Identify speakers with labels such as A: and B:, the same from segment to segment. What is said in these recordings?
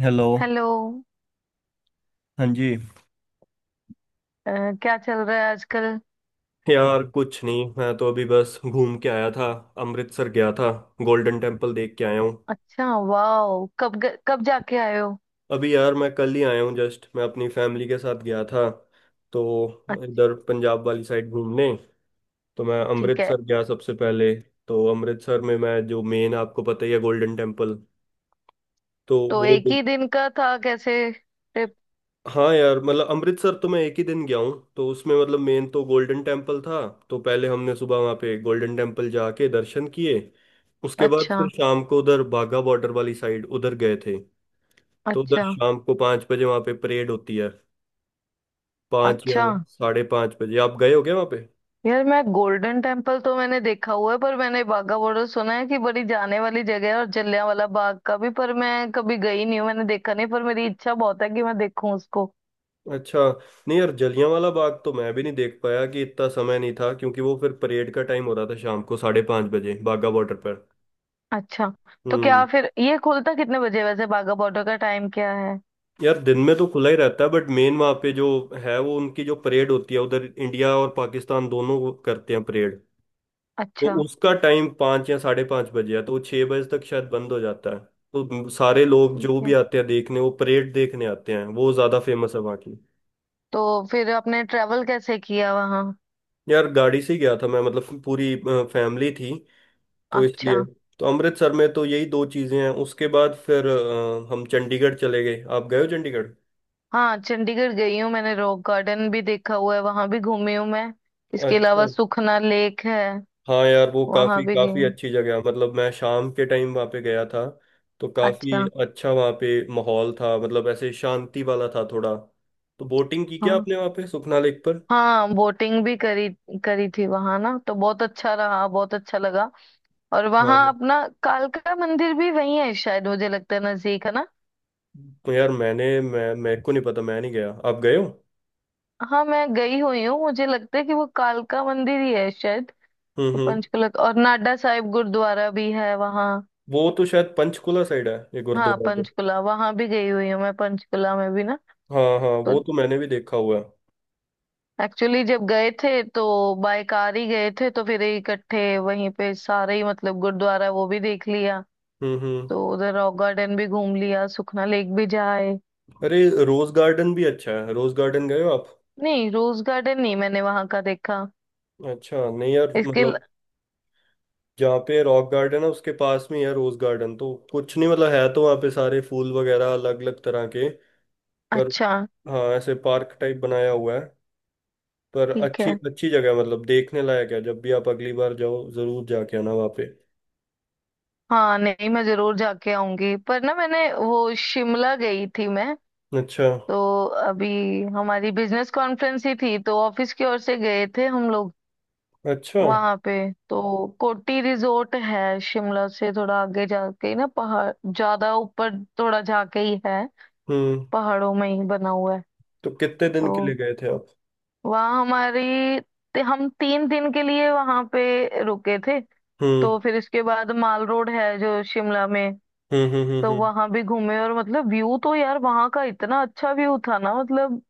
A: Hello.
B: Hello.
A: हाँ जी।
B: अ, क्या चल रहा है आजकल?
A: यार कुछ नहीं, मैं तो अभी बस घूम के आया था। अमृतसर गया था। गोल्डन टेम्पल देख के आया हूँ।
B: अच्छा, वाओ। कब जाके आए हो?
A: अभी यार मैं कल ही आया हूँ, जस्ट मैं अपनी फैमिली के साथ गया था तो
B: अच्छा।
A: इधर पंजाब वाली साइड घूमने। तो मैं
B: ठीक है।
A: अमृतसर गया सबसे पहले। तो अमृतसर में मैं जो मेन, आपको पता ही है, गोल्डन टेम्पल, तो
B: तो
A: वो।
B: एक ही दिन का था कैसे ट्रिप?
A: हाँ यार मतलब अमृतसर तो मैं एक ही दिन गया हूँ, तो उसमें मतलब मेन तो गोल्डन टेम्पल था। तो पहले हमने सुबह वहाँ पे गोल्डन टेम्पल जाके दर्शन किए। उसके बाद फिर
B: अच्छा।
A: शाम को उधर बाघा बॉर्डर वाली साइड उधर गए थे। तो उधर
B: अच्छा।
A: शाम को 5 बजे वहाँ पे परेड होती है। पाँच या
B: अच्छा
A: साढ़े पाँच बजे आप गए हो क्या वहाँ पे?
B: यार, मैं गोल्डन टेम्पल तो मैंने देखा हुआ है, पर मैंने बाघा बॉर्डर सुना है कि बड़ी जाने वाली जगह है, और जलियांवाला बाग का भी। पर मैं कभी गई नहीं हूँ, मैंने देखा नहीं, पर मेरी इच्छा बहुत है कि मैं देखूं उसको।
A: अच्छा। नहीं यार जलियांवाला बाग तो मैं भी नहीं देख पाया कि इतना समय नहीं था क्योंकि वो फिर परेड का टाइम हो रहा था शाम को 5:30 बजे बाघा बॉर्डर पर।
B: अच्छा। तो क्या
A: हम्म।
B: फिर ये खुलता कितने बजे है? वैसे बाघा बॉर्डर का टाइम क्या है?
A: यार दिन में तो खुला ही रहता है बट मेन वहाँ पे जो है वो उनकी जो परेड होती है, उधर इंडिया और पाकिस्तान दोनों वो करते हैं परेड। तो
B: अच्छा।
A: उसका टाइम 5 या 5:30 बजे है, तो वो 6 बजे तक शायद बंद हो जाता है। तो सारे लोग जो
B: ठीक
A: भी
B: है।
A: आते हैं देखने, वो परेड देखने आते हैं, वो ज़्यादा फेमस है वहाँ की।
B: तो फिर आपने ट्रेवल कैसे किया वहाँ?
A: यार गाड़ी से ही गया था मैं, मतलब पूरी फैमिली थी तो
B: अच्छा।
A: इसलिए। तो अमृतसर में तो यही दो चीज़ें हैं, उसके बाद फिर हम चंडीगढ़ चले गए। आप गए हो चंडीगढ़?
B: हाँ, चंडीगढ़ गई हूँ। मैंने रॉक गार्डन भी देखा हुआ है, वहां भी घूमी हूँ मैं। इसके
A: अच्छा।
B: अलावा सुखना लेक है।
A: हाँ यार वो
B: वहां
A: काफी
B: भी गई
A: काफी
B: हूँ।
A: अच्छी जगह है। मतलब मैं शाम के टाइम वहाँ पे गया था। तो काफी
B: अच्छा।
A: अच्छा वहाँ पे माहौल था, मतलब ऐसे शांति वाला था थोड़ा। तो बोटिंग की क्या
B: हाँ,
A: आपने वहाँ पे सुखना लेक पर?
B: हाँ, बोटिंग भी करी। करी थी वहां ना, तो बहुत अच्छा रहा, बहुत अच्छा लगा। और वहां
A: हाँ।
B: अपना कालका मंदिर भी वही है शायद, मुझे लगता है नजदीक है ना।
A: तो यार मैंने, मैं मेरे को नहीं पता, मैं नहीं गया, आप गए हो?
B: हाँ, मैं गई हुई हूँ। मुझे लगता है कि वो कालका मंदिर ही है शायद। तो
A: हम्म।
B: पंचकुला और नाडा साहिब गुरुद्वारा भी है वहाँ।
A: वो तो शायद पंचकुला साइड है ये
B: हाँ,
A: गुरुद्वारा तो।
B: पंचकुला वहां भी गई हुई हूँ मैं। पंचकुला में भी ना।
A: हाँ हाँ
B: तो
A: वो तो मैंने भी देखा हुआ है।
B: एक्चुअली जब गए थे, तो बाय कार ही गए थे। तो फिर इकट्ठे वहीं पे सारे ही, मतलब गुरुद्वारा वो भी देख लिया।
A: हम्म।
B: तो उधर रॉक गार्डन भी घूम लिया, सुखना लेक भी जाए।
A: अरे, रोज गार्डन भी अच्छा है, रोज गार्डन गए हो आप?
B: नहीं, रोज गार्डन नहीं, मैंने वहां का देखा।
A: अच्छा नहीं यार,
B: इसके ल-
A: मतलब जहाँ पे रॉक गार्डन है उसके पास में ही है रोज गार्डन, तो कुछ नहीं मतलब, है तो वहाँ पे सारे फूल वगैरह अलग अलग तरह के। पर
B: अच्छा।
A: हाँ, ऐसे पार्क टाइप बनाया हुआ है। पर
B: ठीक
A: अच्छी
B: है।
A: अच्छी जगह है, मतलब देखने लायक है, जब भी आप अगली बार जाओ जरूर जाके आना वहाँ पे।
B: हाँ, नहीं मैं जरूर जाके आऊंगी। पर ना, मैंने वो शिमला गई थी मैं।
A: अच्छा।
B: तो अभी हमारी बिजनेस कॉन्फ्रेंस ही थी, तो ऑफिस की ओर से गए थे हम लोग
A: अच्छा।
B: वहां पे। तो कोटी रिजोर्ट है शिमला से थोड़ा आगे जाके ही ना, पहाड़ ज्यादा ऊपर थोड़ा जाके ही है।
A: हम्म।
B: पहाड़ों में ही बना हुआ है।
A: तो कितने दिन के लिए
B: तो
A: गए थे आप?
B: वहाँ हमारी, हम 3 दिन के लिए वहां पे रुके थे।
A: हम्म
B: तो फिर इसके बाद माल रोड है जो शिमला में।
A: हम्म हम्म हम्म
B: तो
A: हम्म।
B: वहां भी घूमे, और मतलब व्यू तो यार वहां का इतना अच्छा व्यू था ना, मतलब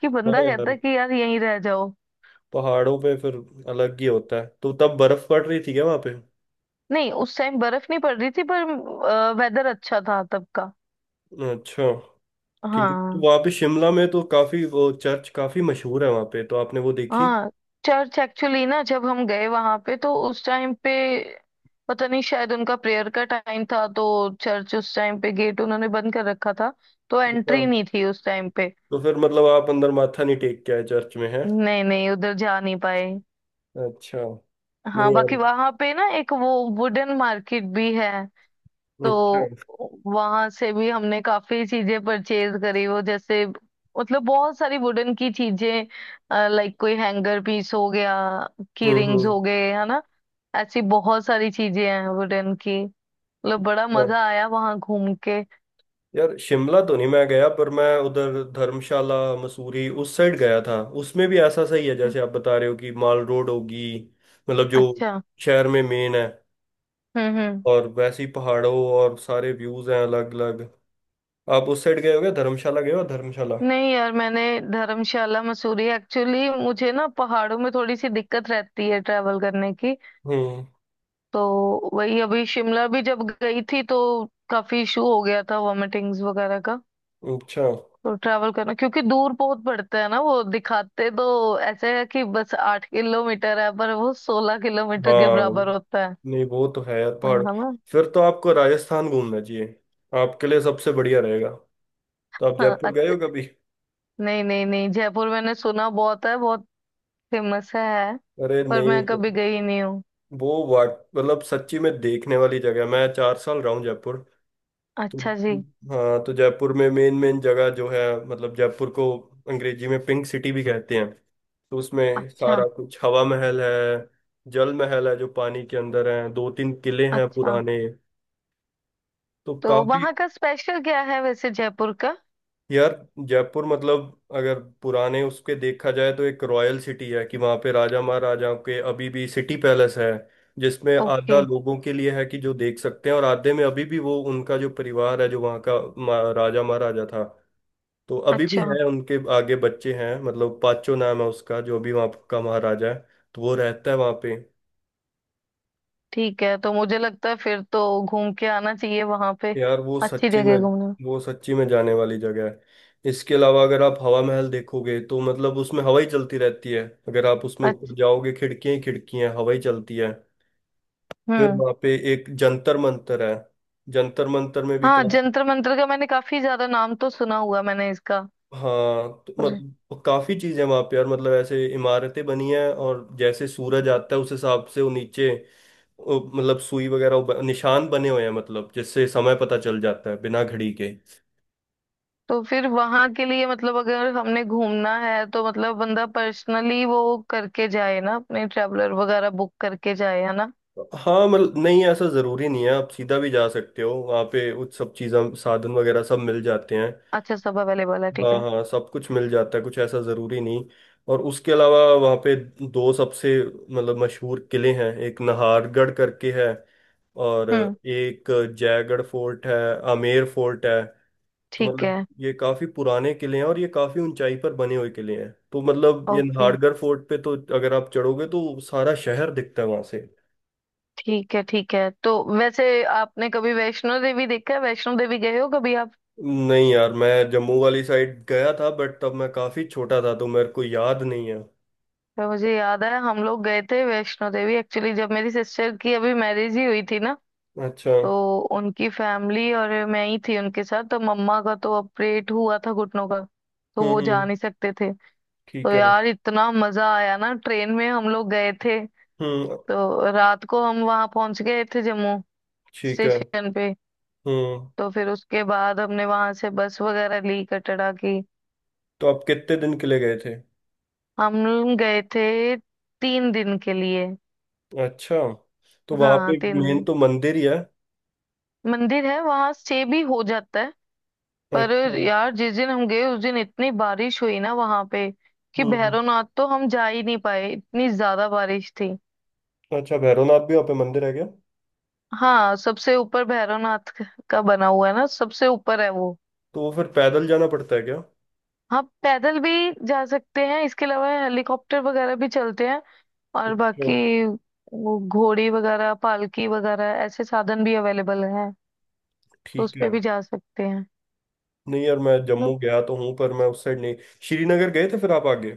B: कि
A: हाँ
B: बंदा कहता
A: यार
B: है कि यार यहीं रह जाओ।
A: पहाड़ों पे फिर अलग ही होता है। तो तब बर्फ पड़ रही थी क्या वहाँ पे?
B: नहीं, उस टाइम बर्फ नहीं पड़ रही थी, पर वेदर अच्छा था तब का।
A: अच्छा। ठीक है, तो
B: हाँ।
A: वहाँ पे शिमला में तो काफी वो चर्च काफी मशहूर है वहाँ पे, तो आपने वो देखी?
B: हाँ, चर्च एक्चुअली ना जब हम गए वहां पे, तो उस टाइम पे पता नहीं शायद उनका प्रेयर का टाइम था। तो चर्च उस टाइम पे गेट उन्होंने बंद कर रखा था। तो
A: अच्छा।
B: एंट्री नहीं थी उस टाइम पे।
A: तो फिर मतलब आप अंदर माथा नहीं टेक के आए, चर्च में है?
B: नहीं नहीं, उधर जा नहीं पाए।
A: अच्छा। नहीं
B: हाँ, बाकी
A: यार।
B: वहां पे ना एक वो वुडन मार्केट भी है। तो
A: अच्छा।
B: वहां से भी हमने काफी चीजें परचेज करी वो, जैसे मतलब बहुत सारी वुडन की चीजें, लाइक कोई हैंगर पीस हो गया, की रिंग्स
A: हम्म।
B: हो गए, है ना। ऐसी बहुत सारी चीजें हैं वुडन की। मतलब बड़ा
A: हाँ
B: मजा आया वहां घूम के।
A: यार शिमला तो नहीं मैं गया, पर मैं उधर धर्मशाला मसूरी उस साइड गया था। उसमें भी ऐसा सही है जैसे आप बता रहे हो कि माल रोड होगी, मतलब जो
B: अच्छा।
A: शहर में मेन है।
B: हम्म। हम्म।
A: और वैसे ही पहाड़ों और सारे व्यूज हैं अलग अलग। आप उस साइड गए हो क्या? धर्मशाला गए हो धर्मशाला?
B: नहीं यार, मैंने धर्मशाला मसूरी, एक्चुअली मुझे ना पहाड़ों में थोड़ी सी दिक्कत रहती है ट्रैवल करने की।
A: हम्म।
B: तो वही अभी शिमला भी जब गई थी, तो काफी इशू हो गया था वॉमिटिंग्स वगैरह का।
A: अच्छा।
B: तो ट्रैवल करना, क्योंकि दूर बहुत पड़ता है ना। वो दिखाते तो ऐसे है कि बस 8 किलोमीटर है, पर वो 16 किलोमीटर के
A: हाँ,
B: बराबर होता है।
A: नहीं वो तो है यार पहाड़।
B: हम।
A: फिर तो आपको राजस्थान घूमना चाहिए, आपके लिए सबसे बढ़िया रहेगा। तो आप
B: हाँ,
A: जयपुर गए
B: अच्छे।
A: हो कभी?
B: नहीं नहीं नहीं, जयपुर मैंने सुना बहुत है, बहुत फेमस है,
A: अरे
B: पर
A: नहीं।
B: मैं कभी गई नहीं हूँ।
A: वो वाट, मतलब सच्ची में देखने वाली जगह है। मैं 4 साल रहा हूँ जयपुर। तो
B: अच्छा जी।
A: हाँ, तो जयपुर में मेन मेन जगह जो है, मतलब जयपुर को अंग्रेजी में पिंक सिटी भी कहते हैं। तो उसमें
B: अच्छा।
A: सारा कुछ हवा महल है, जल महल है जो पानी के अंदर है, दो तीन किले हैं
B: अच्छा।
A: पुराने। तो
B: तो
A: काफी।
B: वहाँ का स्पेशल क्या है वैसे जयपुर का?
A: यार जयपुर मतलब अगर पुराने उसके देखा जाए तो एक रॉयल सिटी है कि वहाँ पे राजा महाराजाओं के अभी भी सिटी पैलेस है, जिसमें
B: ओके।
A: आधा लोगों के लिए है कि जो देख सकते हैं और आधे में अभी भी वो उनका जो परिवार है जो वहाँ का राजा महाराजा था। तो अभी भी
B: अच्छा।
A: है, उनके आगे बच्चे हैं, मतलब पाचो नाम है उसका जो अभी वहाँ का महाराजा है। तो वो रहता है वहाँ पे।
B: ठीक है। तो मुझे लगता है फिर तो घूम के आना चाहिए वहां पे।
A: यार वो
B: अच्छी
A: सच्ची में,
B: जगह घूमने में।
A: वो सच्ची में जाने वाली जगह है। इसके अलावा अगर आप हवा महल देखोगे तो मतलब उसमें हवा ही चलती रहती है, अगर आप उसमें ऊपर
B: अच्छा।
A: जाओगे खिड़कियां ही खिड़कियां हैं, हवा ही चलती है। फिर
B: हम्म।
A: वहाँ पे एक जंतर मंतर है, जंतर मंतर में भी
B: हाँ,
A: काफी।
B: जंतर मंतर का मैंने काफी ज्यादा नाम तो सुना हुआ मैंने इसका।
A: हाँ, तो
B: पर-
A: मतलब काफी चीजें वहाँ पे यार, मतलब ऐसे इमारतें बनी हैं और जैसे सूरज आता है उस हिसाब से वो नीचे वो मतलब सुई वगैरह वो निशान बने हुए हैं, मतलब जिससे समय पता चल जाता है बिना घड़ी के।
B: तो फिर वहां के लिए मतलब अगर हमने घूमना है, तो मतलब बंदा पर्सनली वो करके जाए ना, अपने ट्रैवलर वगैरह बुक करके जाए, है ना?
A: हाँ मतलब नहीं ऐसा जरूरी नहीं है, आप सीधा भी जा सकते हो वहाँ पे, उस सब चीज़ें साधन वगैरह सब मिल जाते हैं।
B: अच्छा, सब अवेलेबल है, ठीक
A: हाँ
B: है।
A: हाँ सब कुछ मिल जाता है, कुछ ऐसा जरूरी नहीं। और उसके अलावा वहाँ पे दो सबसे मतलब मशहूर किले हैं, एक नाहरगढ़ करके है और
B: हम्म।
A: एक जयगढ़ फोर्ट है, आमेर फोर्ट है। तो
B: ठीक
A: मतलब
B: है।
A: ये काफी पुराने किले हैं और ये काफी ऊंचाई पर बने हुए किले हैं, तो मतलब ये
B: ओके।
A: नाहरगढ़ फोर्ट पे तो अगर आप चढ़ोगे तो सारा शहर दिखता है वहां से।
B: ठीक है। ठीक है। तो वैसे आपने कभी वैष्णो देवी देखा है? वैष्णो देवी गए हो कभी आप?
A: नहीं यार मैं जम्मू वाली साइड गया था बट तब मैं काफी छोटा था तो मेरे को याद नहीं है।
B: तो मुझे याद है हम लोग गए थे वैष्णो देवी। एक्चुअली जब मेरी सिस्टर की अभी मैरिज ही हुई थी ना,
A: अच्छा।
B: तो उनकी फैमिली और मैं ही थी उनके साथ। तो मम्मा का तो ऑपरेट हुआ था घुटनों का, तो
A: हम्म
B: वो जा
A: हम्म,
B: नहीं सकते थे। तो
A: ठीक है।
B: यार इतना मजा आया ना, ट्रेन में हम लोग गए थे।
A: हम्म।
B: तो रात को हम वहां पहुंच गए थे जम्मू
A: ठीक है।
B: स्टेशन पे।
A: हम्म।
B: तो फिर उसके बाद हमने वहां से बस वगैरह ली कटरा की।
A: तो आप कितने दिन के लिए गए थे?
B: हम गए थे 3 दिन के लिए।
A: अच्छा। तो वहां
B: हाँ,
A: पे
B: तीन
A: मेन
B: दिन
A: तो मंदिर ही है।
B: मंदिर है वहां, स्टे भी हो जाता है। पर
A: अच्छा।
B: यार जिस दिन हम गए, उस दिन इतनी बारिश हुई ना वहां पे, कि
A: हम्म।
B: भैरवनाथ तो हम जा ही नहीं पाए, इतनी ज्यादा बारिश थी।
A: अच्छा, भैरवनाथ भी वहाँ पे मंदिर है क्या?
B: हाँ, सबसे ऊपर भैरवनाथ का बना हुआ है ना, सबसे ऊपर है वो।
A: तो वो फिर पैदल जाना पड़ता है क्या?
B: हाँ, पैदल भी जा सकते हैं, इसके अलावा हेलीकॉप्टर वगैरह भी चलते हैं। और
A: अच्छा।
B: बाकी वो घोड़ी वगैरह, पालकी वगैरह ऐसे साधन भी अवेलेबल हैं। तो उस
A: ठीक है।
B: पे भी जा सकते हैं।
A: नहीं यार मैं जम्मू गया तो हूँ पर मैं उस साइड नहीं। श्रीनगर गए थे फिर आप आगे?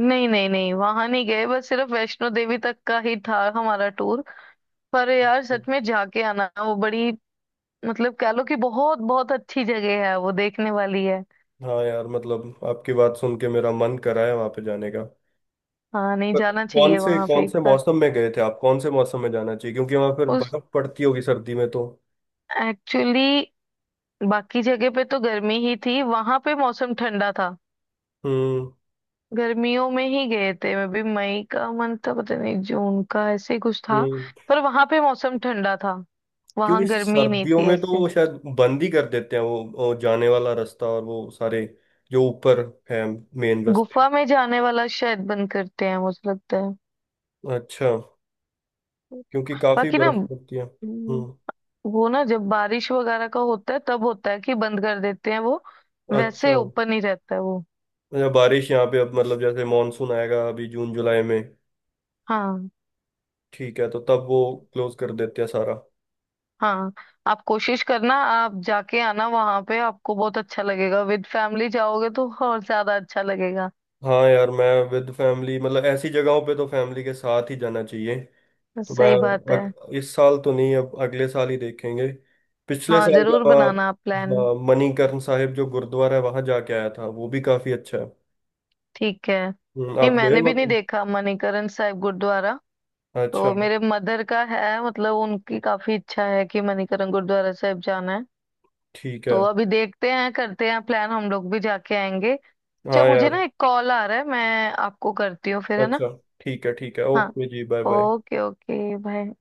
B: नहीं नहीं नहीं, वहां नहीं गए, बस सिर्फ वैष्णो देवी तक का ही था हमारा टूर। पर यार सच में जाके आना, वो बड़ी, मतलब कह लो कि बहुत बहुत अच्छी जगह है, वो देखने वाली है।
A: हाँ यार, मतलब आपकी बात सुन के मेरा मन करा है वहां पे जाने का।
B: हाँ नहीं,
A: पर
B: जाना चाहिए वहां पे
A: कौन
B: एक
A: से
B: बार।
A: मौसम में गए थे आप, कौन से मौसम में जाना चाहिए, क्योंकि वहां पर
B: उस,
A: बर्फ पड़ती होगी सर्दी में तो।
B: एक्चुअली बाकी जगह पे तो गर्मी ही थी, वहां पे मौसम ठंडा था।
A: हम्म
B: गर्मियों में ही गए थे, मैं भी मई का मंथ था, पता नहीं जून का, ऐसे ही कुछ था।
A: हम्म।
B: पर वहां पे मौसम ठंडा था,
A: क्योंकि
B: वहां गर्मी नहीं
A: सर्दियों
B: थी
A: में तो
B: ऐसे।
A: वो शायद बंद ही कर देते हैं वो जाने वाला रास्ता और वो सारे जो ऊपर है मेन रास्ते।
B: गुफा में जाने वाला शायद बंद करते हैं, मुझे लगता है।
A: अच्छा। क्योंकि काफी
B: बाकी ना,
A: बर्फ पड़ती है।
B: हम्म,
A: हम्म।
B: वो ना जब बारिश वगैरह का होता है, तब होता है कि बंद कर देते हैं वो। वैसे
A: अच्छा।
B: ओपन ही रहता है वो।
A: अच्छा, बारिश यहाँ पे अब मतलब जैसे मानसून आएगा अभी जून जुलाई में।
B: हाँ।
A: ठीक है, तो तब वो क्लोज कर देते हैं सारा।
B: हाँ, आप कोशिश करना, आप जाके आना वहां पे, आपको बहुत अच्छा लगेगा। विद फैमिली जाओगे तो और ज्यादा अच्छा लगेगा।
A: हाँ यार मैं विद फैमिली, मतलब ऐसी जगहों पे तो फैमिली के साथ ही जाना चाहिए। तो मैं
B: सही बात है।
A: इस साल तो नहीं, अब अगले साल ही देखेंगे। पिछले
B: हाँ,
A: साल मैं
B: जरूर
A: वहाँ
B: बनाना आप प्लान।
A: हाँ, मणिकर्ण साहिब जो गुरुद्वारा है वहाँ जाके आया था, वो भी काफी अच्छा है।
B: ठीक है, नहीं
A: आप गए
B: मैंने
A: हो
B: भी
A: आप?
B: नहीं देखा मणिकरण साहिब गुरुद्वारा।
A: अच्छा।
B: तो मेरे मदर का है, मतलब उनकी काफी इच्छा है कि मणिकरण गुरुद्वारा साहिब जाना है।
A: ठीक है।
B: तो अभी देखते हैं, करते हैं प्लान, हम लोग भी जाके आएंगे। अच्छा
A: हाँ
B: मुझे
A: यार।
B: ना एक कॉल आ रहा है, मैं आपको करती हूँ फिर, है ना?
A: अच्छा। ठीक है ठीक है,
B: हाँ,
A: ओके जी, bye bye.
B: Okay, okay, bye.